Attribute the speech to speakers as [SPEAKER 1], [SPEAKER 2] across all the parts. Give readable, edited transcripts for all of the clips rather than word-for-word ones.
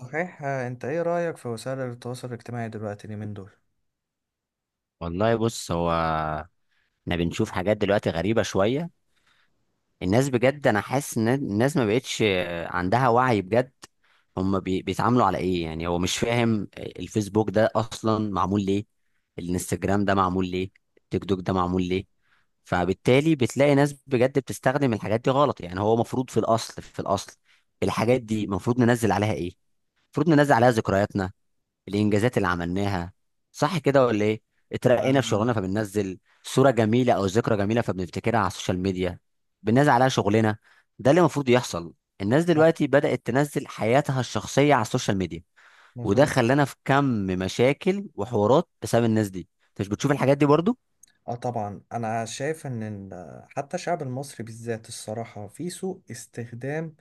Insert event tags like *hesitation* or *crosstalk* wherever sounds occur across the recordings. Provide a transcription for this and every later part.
[SPEAKER 1] صحيح آه، انت ايه رأيك في وسائل التواصل الاجتماعي دلوقتي اليومين دول؟
[SPEAKER 2] والله بص، هو احنا بنشوف حاجات دلوقتي غريبة شوية. الناس بجد انا حاسس ان الناس ما بقتش عندها وعي بجد. هم بيتعاملوا على ايه؟ يعني هو مش فاهم الفيسبوك ده اصلا معمول ليه، الانستجرام ده معمول ليه، التيك توك ده معمول ليه. فبالتالي بتلاقي ناس بجد بتستخدم الحاجات دي غلط. يعني هو المفروض في الاصل الحاجات دي المفروض ننزل عليها ايه؟ المفروض ننزل عليها ذكرياتنا، الانجازات اللي عملناها، صح كده ولا ايه؟ اترقينا في
[SPEAKER 1] انا.
[SPEAKER 2] شغلنا فبننزل صوره جميله او ذكرى جميله فبنفتكرها على السوشيال ميديا، بننزل عليها شغلنا. ده اللي المفروض يحصل. الناس
[SPEAKER 1] صح.
[SPEAKER 2] دلوقتي بدات تنزل حياتها الشخصيه على السوشيال ميديا، وده
[SPEAKER 1] مظبوط.
[SPEAKER 2] خلانا في كم مشاكل وحوارات بسبب الناس دي. انت مش بتشوف الحاجات دي برضو؟
[SPEAKER 1] اه طبعا انا شايف ان حتى الشعب المصري بالذات الصراحة في سوء استخدام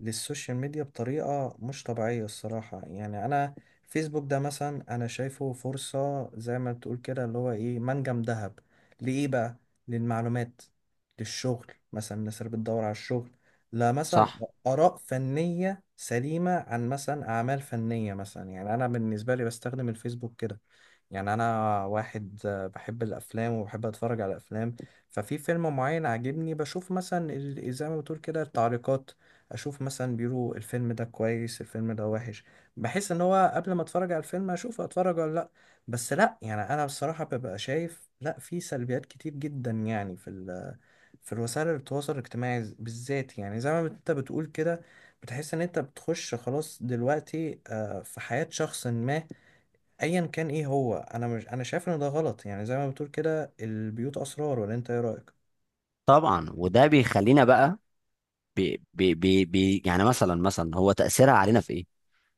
[SPEAKER 1] للسوشيال ميديا بطريقة مش طبيعية الصراحة، يعني أنا فيسبوك ده مثلا أنا شايفه فرصة زي ما بتقول كده اللي هو إيه، منجم ذهب. لإيه بقى؟ للمعلومات، للشغل مثلا الناس اللي بتدور على الشغل، لا مثلا
[SPEAKER 2] صح،
[SPEAKER 1] آراء فنية سليمة عن مثلا أعمال فنية مثلا. يعني أنا بالنسبة لي بستخدم الفيسبوك كده، يعني انا واحد بحب الافلام وبحب اتفرج على افلام. ففي فيلم معين عاجبني بشوف مثلا زي ما بتقول كده التعليقات، اشوف مثلا بيقولوا الفيلم ده كويس الفيلم ده وحش. بحس ان هو قبل ما اتفرج على الفيلم اشوف اتفرج ولا لا. بس لا، يعني انا بصراحة ببقى شايف، لا في سلبيات كتير جدا، يعني في الوسائل التواصل الاجتماعي بالذات، يعني زي ما انت بتقول كده بتحس ان انت بتخش خلاص دلوقتي في حياة شخص ما ايا كان. ايه هو، انا مش، انا شايف ان ده غلط، يعني زي ما بتقول كده البيوت اسرار، ولا انت ايه رايك؟
[SPEAKER 2] طبعا. وده بيخلينا بقى بي بي بي بي يعني مثلا مثلا هو تأثيرها علينا في ايه؟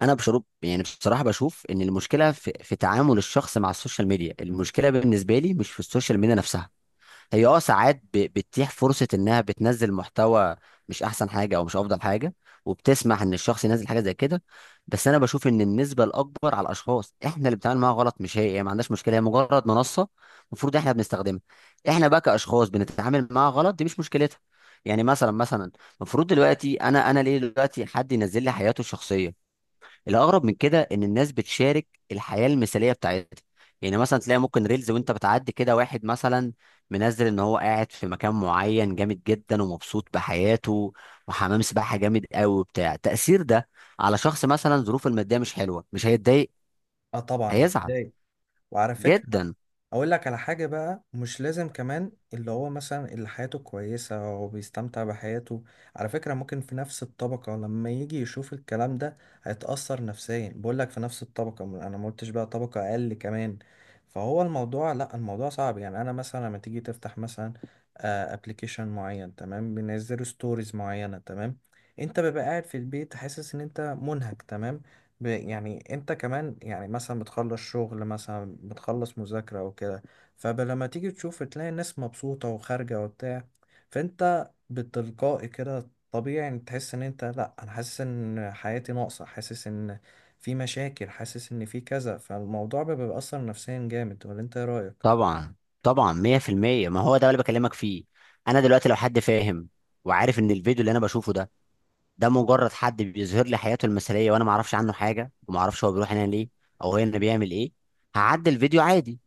[SPEAKER 2] انا بشرب يعني بصراحة بشوف ان المشكلة في تعامل الشخص مع السوشيال ميديا. المشكلة بالنسبة لي مش في السوشيال ميديا نفسها. هي اه ساعات بتتيح فرصة انها بتنزل محتوى مش احسن حاجة او مش افضل حاجة، وبتسمح ان الشخص ينزل حاجة زي كده. بس انا بشوف ان النسبة الاكبر على الاشخاص، احنا اللي بنتعامل معاها غلط. مش هي ما عندهاش مشكلة. هي مجرد منصة المفروض احنا بنستخدمها. احنا بقى كاشخاص بنتعامل معاها غلط، دي مش مشكلتها. يعني مثلا مثلا المفروض دلوقتي انا ليه دلوقتي حد ينزل لي حياته الشخصية؟ الاغرب من كده ان الناس بتشارك الحياه المثاليه بتاعتها. يعني مثلا تلاقي ممكن ريلز وانت بتعدي كده واحد مثلا منزل ان هو قاعد في مكان معين جامد جدا ومبسوط بحياته وحمام سباحه جامد قوي وبتاع. تاثير ده على شخص مثلا ظروفه الماديه مش حلوه، مش هيتضايق؟
[SPEAKER 1] اه طبعا
[SPEAKER 2] هيزعل
[SPEAKER 1] هتضايق. وعلى فكره
[SPEAKER 2] جدا.
[SPEAKER 1] اقول لك على حاجة بقى، مش لازم كمان اللي هو مثلا اللي حياته كويسة وبيستمتع بحياته، على فكرة ممكن في نفس الطبقة لما يجي يشوف الكلام ده هيتأثر نفسيا. بقول لك في نفس الطبقة انا ما قلتش بقى طبقة اقل كمان. فهو الموضوع، لا الموضوع صعب. يعني انا مثلا لما تيجي تفتح مثلا ابلكيشن معين تمام، بينزلوا ستوريز معينة تمام، انت بيبقى قاعد في البيت حاسس ان انت منهك تمام، يعني انت كمان، يعني مثلا بتخلص شغل مثلا بتخلص مذاكرة او كده. فلما تيجي تشوف تلاقي الناس مبسوطة وخارجة وبتاع، فانت بالتلقائي كده طبيعي ان تحس ان انت، لا انا حاسس ان حياتي ناقصة، حاسس ان في مشاكل، حاسس ان في كذا. فالموضوع بيبقى بيأثر نفسيا جامد، ولا انت ايه رأيك؟
[SPEAKER 2] طبعا، طبعا، 100% ما هو ده اللي بكلمك فيه. انا دلوقتي لو حد فاهم وعارف ان الفيديو اللي انا بشوفه ده، ده مجرد حد بيظهر لي حياته المثاليه، وانا ما اعرفش عنه حاجه وما اعرفش هو بيروح هنا ليه او هنا بيعمل ايه، هعدي الفيديو عادي.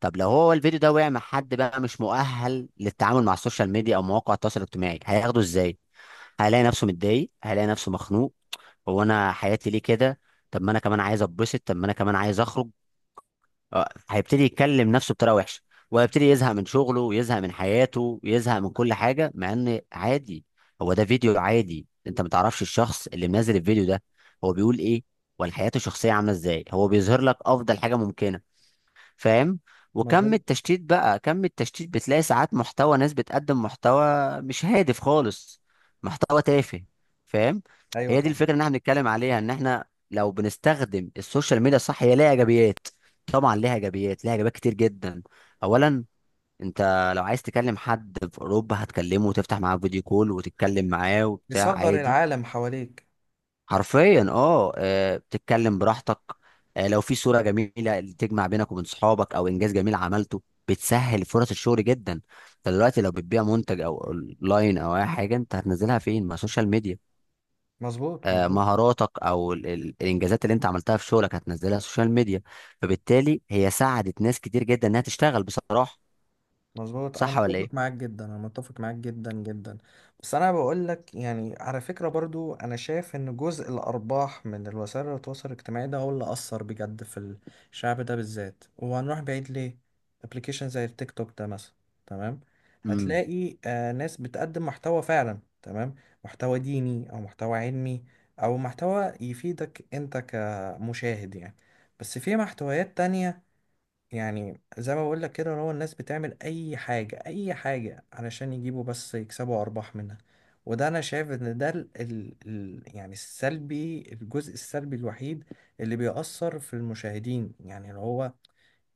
[SPEAKER 2] طب لو هو الفيديو ده وقع مع حد بقى مش مؤهل للتعامل مع السوشيال ميديا او مواقع التواصل الاجتماعي، هياخده ازاي؟ هيلاقي نفسه متضايق، هيلاقي نفسه مخنوق. هو انا حياتي ليه كده؟ طب ما انا كمان عايز اتبسط، طب ما انا كمان عايز اخرج. هيبتدي يتكلم نفسه بطريقه وحشه، وهيبتدي يزهق من شغله ويزهق من حياته ويزهق من كل حاجه. مع ان عادي، هو ده فيديو عادي. انت ما تعرفش الشخص اللي منزل الفيديو ده هو بيقول ايه ولا حياته الشخصيه عامله ازاي. هو بيظهر لك افضل حاجه ممكنه، فاهم؟ وكم
[SPEAKER 1] مظبوط.
[SPEAKER 2] التشتيت بقى، كم التشتيت. بتلاقي ساعات محتوى، ناس بتقدم محتوى مش هادف خالص، محتوى تافه، فاهم؟
[SPEAKER 1] ايوه
[SPEAKER 2] هي دي
[SPEAKER 1] طبعا.
[SPEAKER 2] الفكره ان احنا بنتكلم عليها، ان احنا لو بنستخدم السوشيال ميديا صح هي ليها ايجابيات. طبعا ليها ايجابيات، ليها ايجابيات كتير جدا. اولا، انت لو عايز تكلم حد في اوروبا هتكلمه وتفتح معاه فيديو كول وتتكلم معاه وبتاع
[SPEAKER 1] بيصغر
[SPEAKER 2] عادي.
[SPEAKER 1] العالم حواليك.
[SPEAKER 2] حرفيا اه. بتتكلم براحتك. لو في صورة جميلة اللي تجمع بينك وبين صحابك او انجاز جميل عملته. بتسهل فرص الشغل جدا. انت دلوقتي لو بتبيع منتج او اونلاين او اي حاجة انت هتنزلها فين؟ ما سوشيال ميديا.
[SPEAKER 1] مظبوط، مظبوط.
[SPEAKER 2] مهاراتك او الانجازات اللي انت عملتها في شغلك هتنزلها سوشيال ميديا. فبالتالي هي ساعدت ناس كتير جدا انها تشتغل بصراحة.
[SPEAKER 1] مظبوط، انا
[SPEAKER 2] صح ولا
[SPEAKER 1] متفق
[SPEAKER 2] ايه؟
[SPEAKER 1] معاك جدا، انا متفق معاك جدا جدا. بس انا بقول لك، يعني على فكرة برضو، انا شايف ان جزء الارباح من الوسائل التواصل الاجتماعي ده هو اللي اثر بجد في الشعب ده بالذات، وهنروح بعيد ليه؟ ابلكيشن زي التيك توك ده مثلا، تمام،
[SPEAKER 2] امم
[SPEAKER 1] هتلاقي آه ناس بتقدم محتوى فعلا تمام، محتوى ديني او محتوى علمي او محتوى يفيدك انت كمشاهد يعني. بس في محتويات تانية، يعني زي ما بقول لك كده، هو الناس بتعمل اي حاجه اي حاجه علشان يجيبوا بس يكسبوا ارباح منها. وده انا شايف ان ده ال ال ال يعني السلبي، الجزء السلبي الوحيد اللي بيأثر في المشاهدين، يعني اللي هو،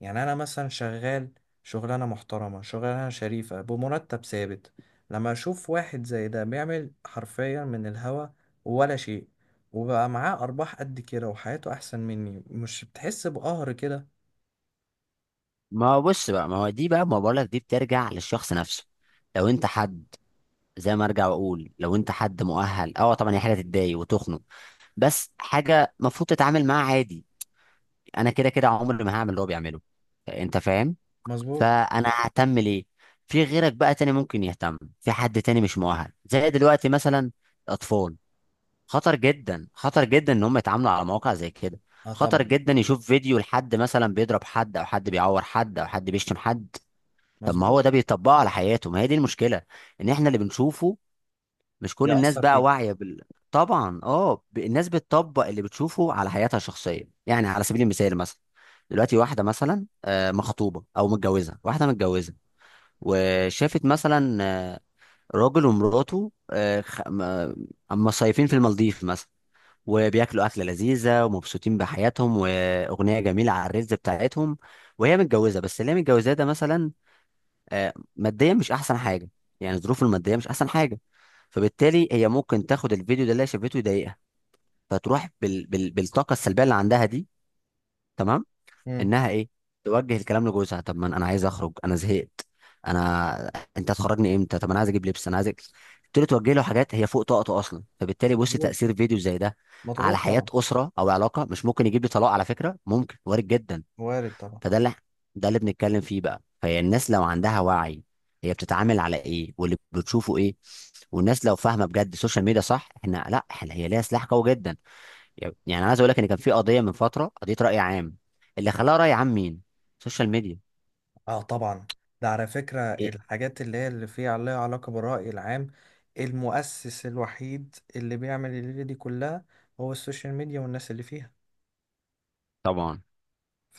[SPEAKER 1] يعني انا مثلا شغال شغلانه محترمه، شغلانه شريفه بمرتب ثابت، لما اشوف واحد زي ده بيعمل حرفيا من الهوا ولا شيء وبقى معاه ارباح قد كده وحياته احسن مني، مش بتحس بقهر كده؟
[SPEAKER 2] ما هو بص بقى، ما هو دي بقى ما بقولك، دي بترجع للشخص نفسه. لو انت حد، زي ما ارجع واقول، لو انت حد مؤهل، اه طبعا هي حاجه تتضايق وتخنق، بس حاجه المفروض تتعامل معاها عادي. انا كده كده عمري ما هعمل اللي هو بيعمله، انت فاهم؟
[SPEAKER 1] مظبوط.
[SPEAKER 2] فانا ههتم ليه؟ في غيرك بقى تاني ممكن يهتم، في حد تاني مش مؤهل زي دلوقتي مثلا الاطفال. خطر جدا خطر جدا ان هم يتعاملوا على مواقع زي كده.
[SPEAKER 1] اه
[SPEAKER 2] خطر
[SPEAKER 1] طبعا.
[SPEAKER 2] جدا يشوف فيديو لحد مثلا بيضرب حد او حد بيعور حد او حد بيشتم حد. طب ما
[SPEAKER 1] مظبوط.
[SPEAKER 2] هو ده بيطبقه على حياته، ما هي دي المشكله. ان احنا اللي بنشوفه، مش كل الناس
[SPEAKER 1] يأثر
[SPEAKER 2] بقى
[SPEAKER 1] فيه.
[SPEAKER 2] واعية بال... طبعا اه. الناس بتطبق اللي بتشوفه على حياتها الشخصية. يعني على سبيل المثال مثلا، دلوقتي واحدة مثلا مخطوبة أو متجوزة، واحدة متجوزة وشافت مثلا راجل ومراته أم مصيفين في المالديف مثلا، وبياكلوا أكلة لذيذة ومبسوطين بحياتهم وأغنية جميلة على الريلز بتاعتهم. وهي متجوزة، بس اللي هي متجوزاه ده مثلا ماديا مش احسن حاجه. يعني الظروف الماديه مش احسن حاجه. فبالتالي هي ممكن تاخد الفيديو ده اللي هي شافته يضايقها، فتروح بالطاقه السلبيه اللي عندها دي، تمام،
[SPEAKER 1] مم.
[SPEAKER 2] انها ايه، توجه الكلام لجوزها. طب ما انا عايز اخرج، انا زهقت، انا انت هتخرجني امتى؟ طب انا عايز اجيب لبس، انا عايز أجيب. تبتدي توجه له حاجات هي فوق طاقته اصلا. فبالتالي بص،
[SPEAKER 1] مظبوط.
[SPEAKER 2] تاثير فيديو زي ده على
[SPEAKER 1] مضغوط
[SPEAKER 2] حياه
[SPEAKER 1] طبعا.
[SPEAKER 2] اسره او علاقه مش ممكن. يجيب لي طلاق؟ على فكره ممكن، وارد جدا.
[SPEAKER 1] وارد طبعا.
[SPEAKER 2] فده اللي، ده اللي بنتكلم فيه بقى. فهي الناس لو عندها وعي، هي بتتعامل على ايه واللي بتشوفه ايه. والناس لو فاهمه بجد السوشيال ميديا صح، احنا لا احنا، هي ليها سلاح قوي جدا. يعني عايز اقول لك ان كان في قضيه من فتره، قضيه راي عام، اللي خلاها راي عام مين؟ السوشيال ميديا.
[SPEAKER 1] اه طبعا. ده على فكرة
[SPEAKER 2] إيه؟
[SPEAKER 1] الحاجات اللي هي اللي فيها عليها علاقة بالرأي العام، المؤسس الوحيد اللي بيعمل الليلة دي كلها هو السوشيال ميديا والناس اللي فيها.
[SPEAKER 2] طبعا.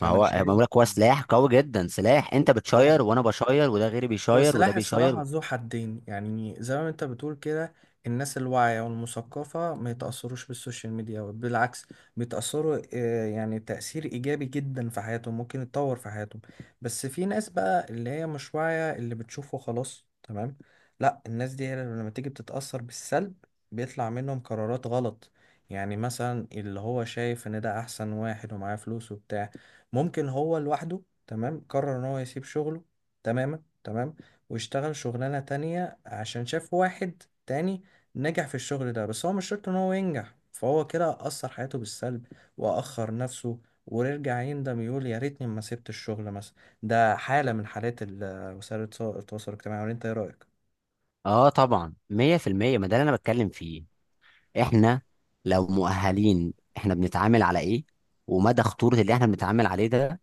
[SPEAKER 2] ما هو ما
[SPEAKER 1] شايف.
[SPEAKER 2] بقول لك، هو سلاح قوي جدا. سلاح، انت
[SPEAKER 1] طبعا.
[SPEAKER 2] بتشير وانا بشير وده غيري
[SPEAKER 1] هو
[SPEAKER 2] بيشير وده
[SPEAKER 1] السلاح
[SPEAKER 2] بيشير.
[SPEAKER 1] الصراحة ذو حدين، يعني زي ما انت بتقول كده الناس الواعية والمثقفة ما يتأثروش بالسوشيال ميديا، بالعكس بيتأثروا يعني تأثير إيجابي جدا في حياتهم، ممكن يتطور في حياتهم. بس في ناس بقى اللي هي مش واعية اللي بتشوفه خلاص تمام، لا الناس دي لما تيجي بتتأثر بالسلب، بيطلع منهم قرارات غلط. يعني مثلا اللي هو شايف ان ده احسن واحد ومعاه فلوس وبتاع، ممكن هو لوحده تمام قرر ان هو يسيب شغله تماما تمام واشتغل شغلانة تانية عشان شاف واحد تاني نجح في الشغل ده، بس هو مش شرط ان هو ينجح، فهو كده أثر حياته بالسلب وأخر نفسه، ويرجع يندم يقول يا ريتني ما سبت الشغل مثلا. ده حالة من حالات *hesitation* وسائل التواصل الاجتماعي، ولا انت ايه رأيك؟
[SPEAKER 2] اه طبعا، 100% ما ده اللي انا بتكلم فيه. احنا لو مؤهلين احنا بنتعامل على ايه ومدى خطورة اللي احنا بنتعامل عليه ده،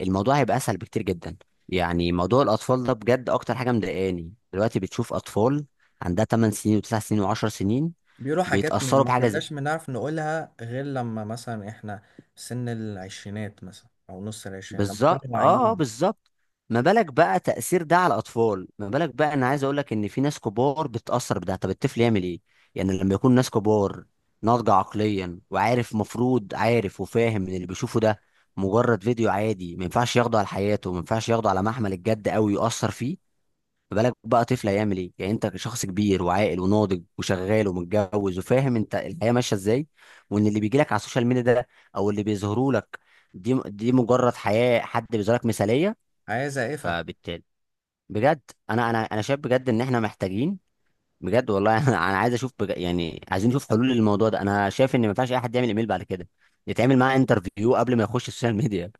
[SPEAKER 2] الموضوع هيبقى اسهل بكتير جدا. يعني موضوع الاطفال ده بجد اكتر حاجة مضايقاني دلوقتي. بتشوف اطفال عندها 8 سنين و9 سنين و10 سنين
[SPEAKER 1] بيقولوا حاجات
[SPEAKER 2] بيتأثروا
[SPEAKER 1] ما
[SPEAKER 2] بحاجة زي...
[SPEAKER 1] كناش بنعرف نقولها غير لما مثلا احنا في سن العشرينات مثلا أو نص العشرينات لما كنا
[SPEAKER 2] بالظبط، اه،
[SPEAKER 1] واعيين.
[SPEAKER 2] بالظبط. ما بالك بقى تأثير ده على الأطفال؟ ما بالك بقى، أنا عايز أقول لك إن في ناس كبار بتأثر بده، طب الطفل يعمل إيه؟ يعني لما يكون ناس كبار ناضجة عقليا وعارف، مفروض عارف وفاهم إن اللي بيشوفه ده مجرد فيديو عادي، ما ينفعش ياخده على حياته، ما ينفعش ياخده على محمل الجد أوي يؤثر فيه، ما بالك بقى طفل هيعمل ايه؟ يعني انت شخص كبير وعاقل وناضج وشغال ومتجوز وفاهم انت الحياه ماشيه ازاي، وان اللي بيجي لك على السوشيال ميديا ده او اللي بيظهروا لك، دي مجرد حياه حد بيظهر لك مثاليه.
[SPEAKER 1] حياة زائفة.
[SPEAKER 2] فبالتالي بجد، انا انا شايف بجد ان احنا محتاجين بجد والله *laughs* انا عايز اشوف يعني عايزين نشوف حلول للموضوع ده. انا شايف ان ما ينفعش اي حد يعمل ايميل بعد كده، يتعمل معاه انترفيو قبل ما يخش السوشيال ميديا،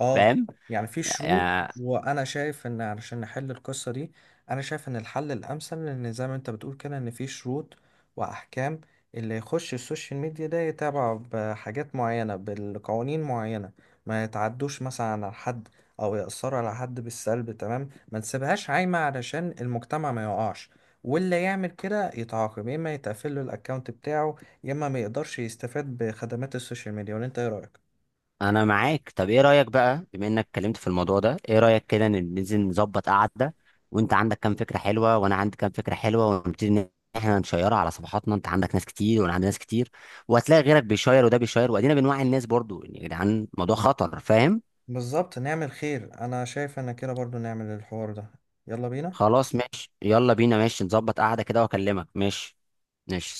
[SPEAKER 1] اه، يعني في شروط.
[SPEAKER 2] فاهم؟
[SPEAKER 1] وانا شايف ان علشان نحل القصة دي، انا شايف ان الحل الامثل ان زي ما انت بتقول كده ان في شروط واحكام، اللي يخش السوشيال ميديا ده يتابع بحاجات معينة بالقوانين معينة، ما يتعدوش مثلا على حد او يأثروا على حد بالسلب تمام، ما نسيبهاش عايمة علشان المجتمع ما يقعش. واللي يعمل كده يتعاقب، يا اما يتقفل له الاكونت بتاعه يا اما ما يقدرش يستفاد بخدمات السوشيال ميديا، ولا انت ايه رأيك؟
[SPEAKER 2] انا معاك. طب ايه رايك بقى، بما انك اتكلمت في الموضوع ده، ايه رايك كده ننزل نظبط قعده، وانت عندك كام فكره حلوه وانا عندي كام فكره حلوه، ونبتدي ان احنا نشيرها على صفحاتنا؟ انت عندك ناس كتير وانا عندي ناس كتير، وهتلاقي غيرك بيشير وده بيشير، وادينا بنوعي الناس برضو، يعني يا جدعان الموضوع خطر، فاهم؟
[SPEAKER 1] بالظبط نعمل خير، انا شايف انا كده برضو نعمل الحوار ده. يلا بينا.
[SPEAKER 2] خلاص ماشي، يلا بينا. ماشي، نظبط قعده كده واكلمك. ماشي. ماشي.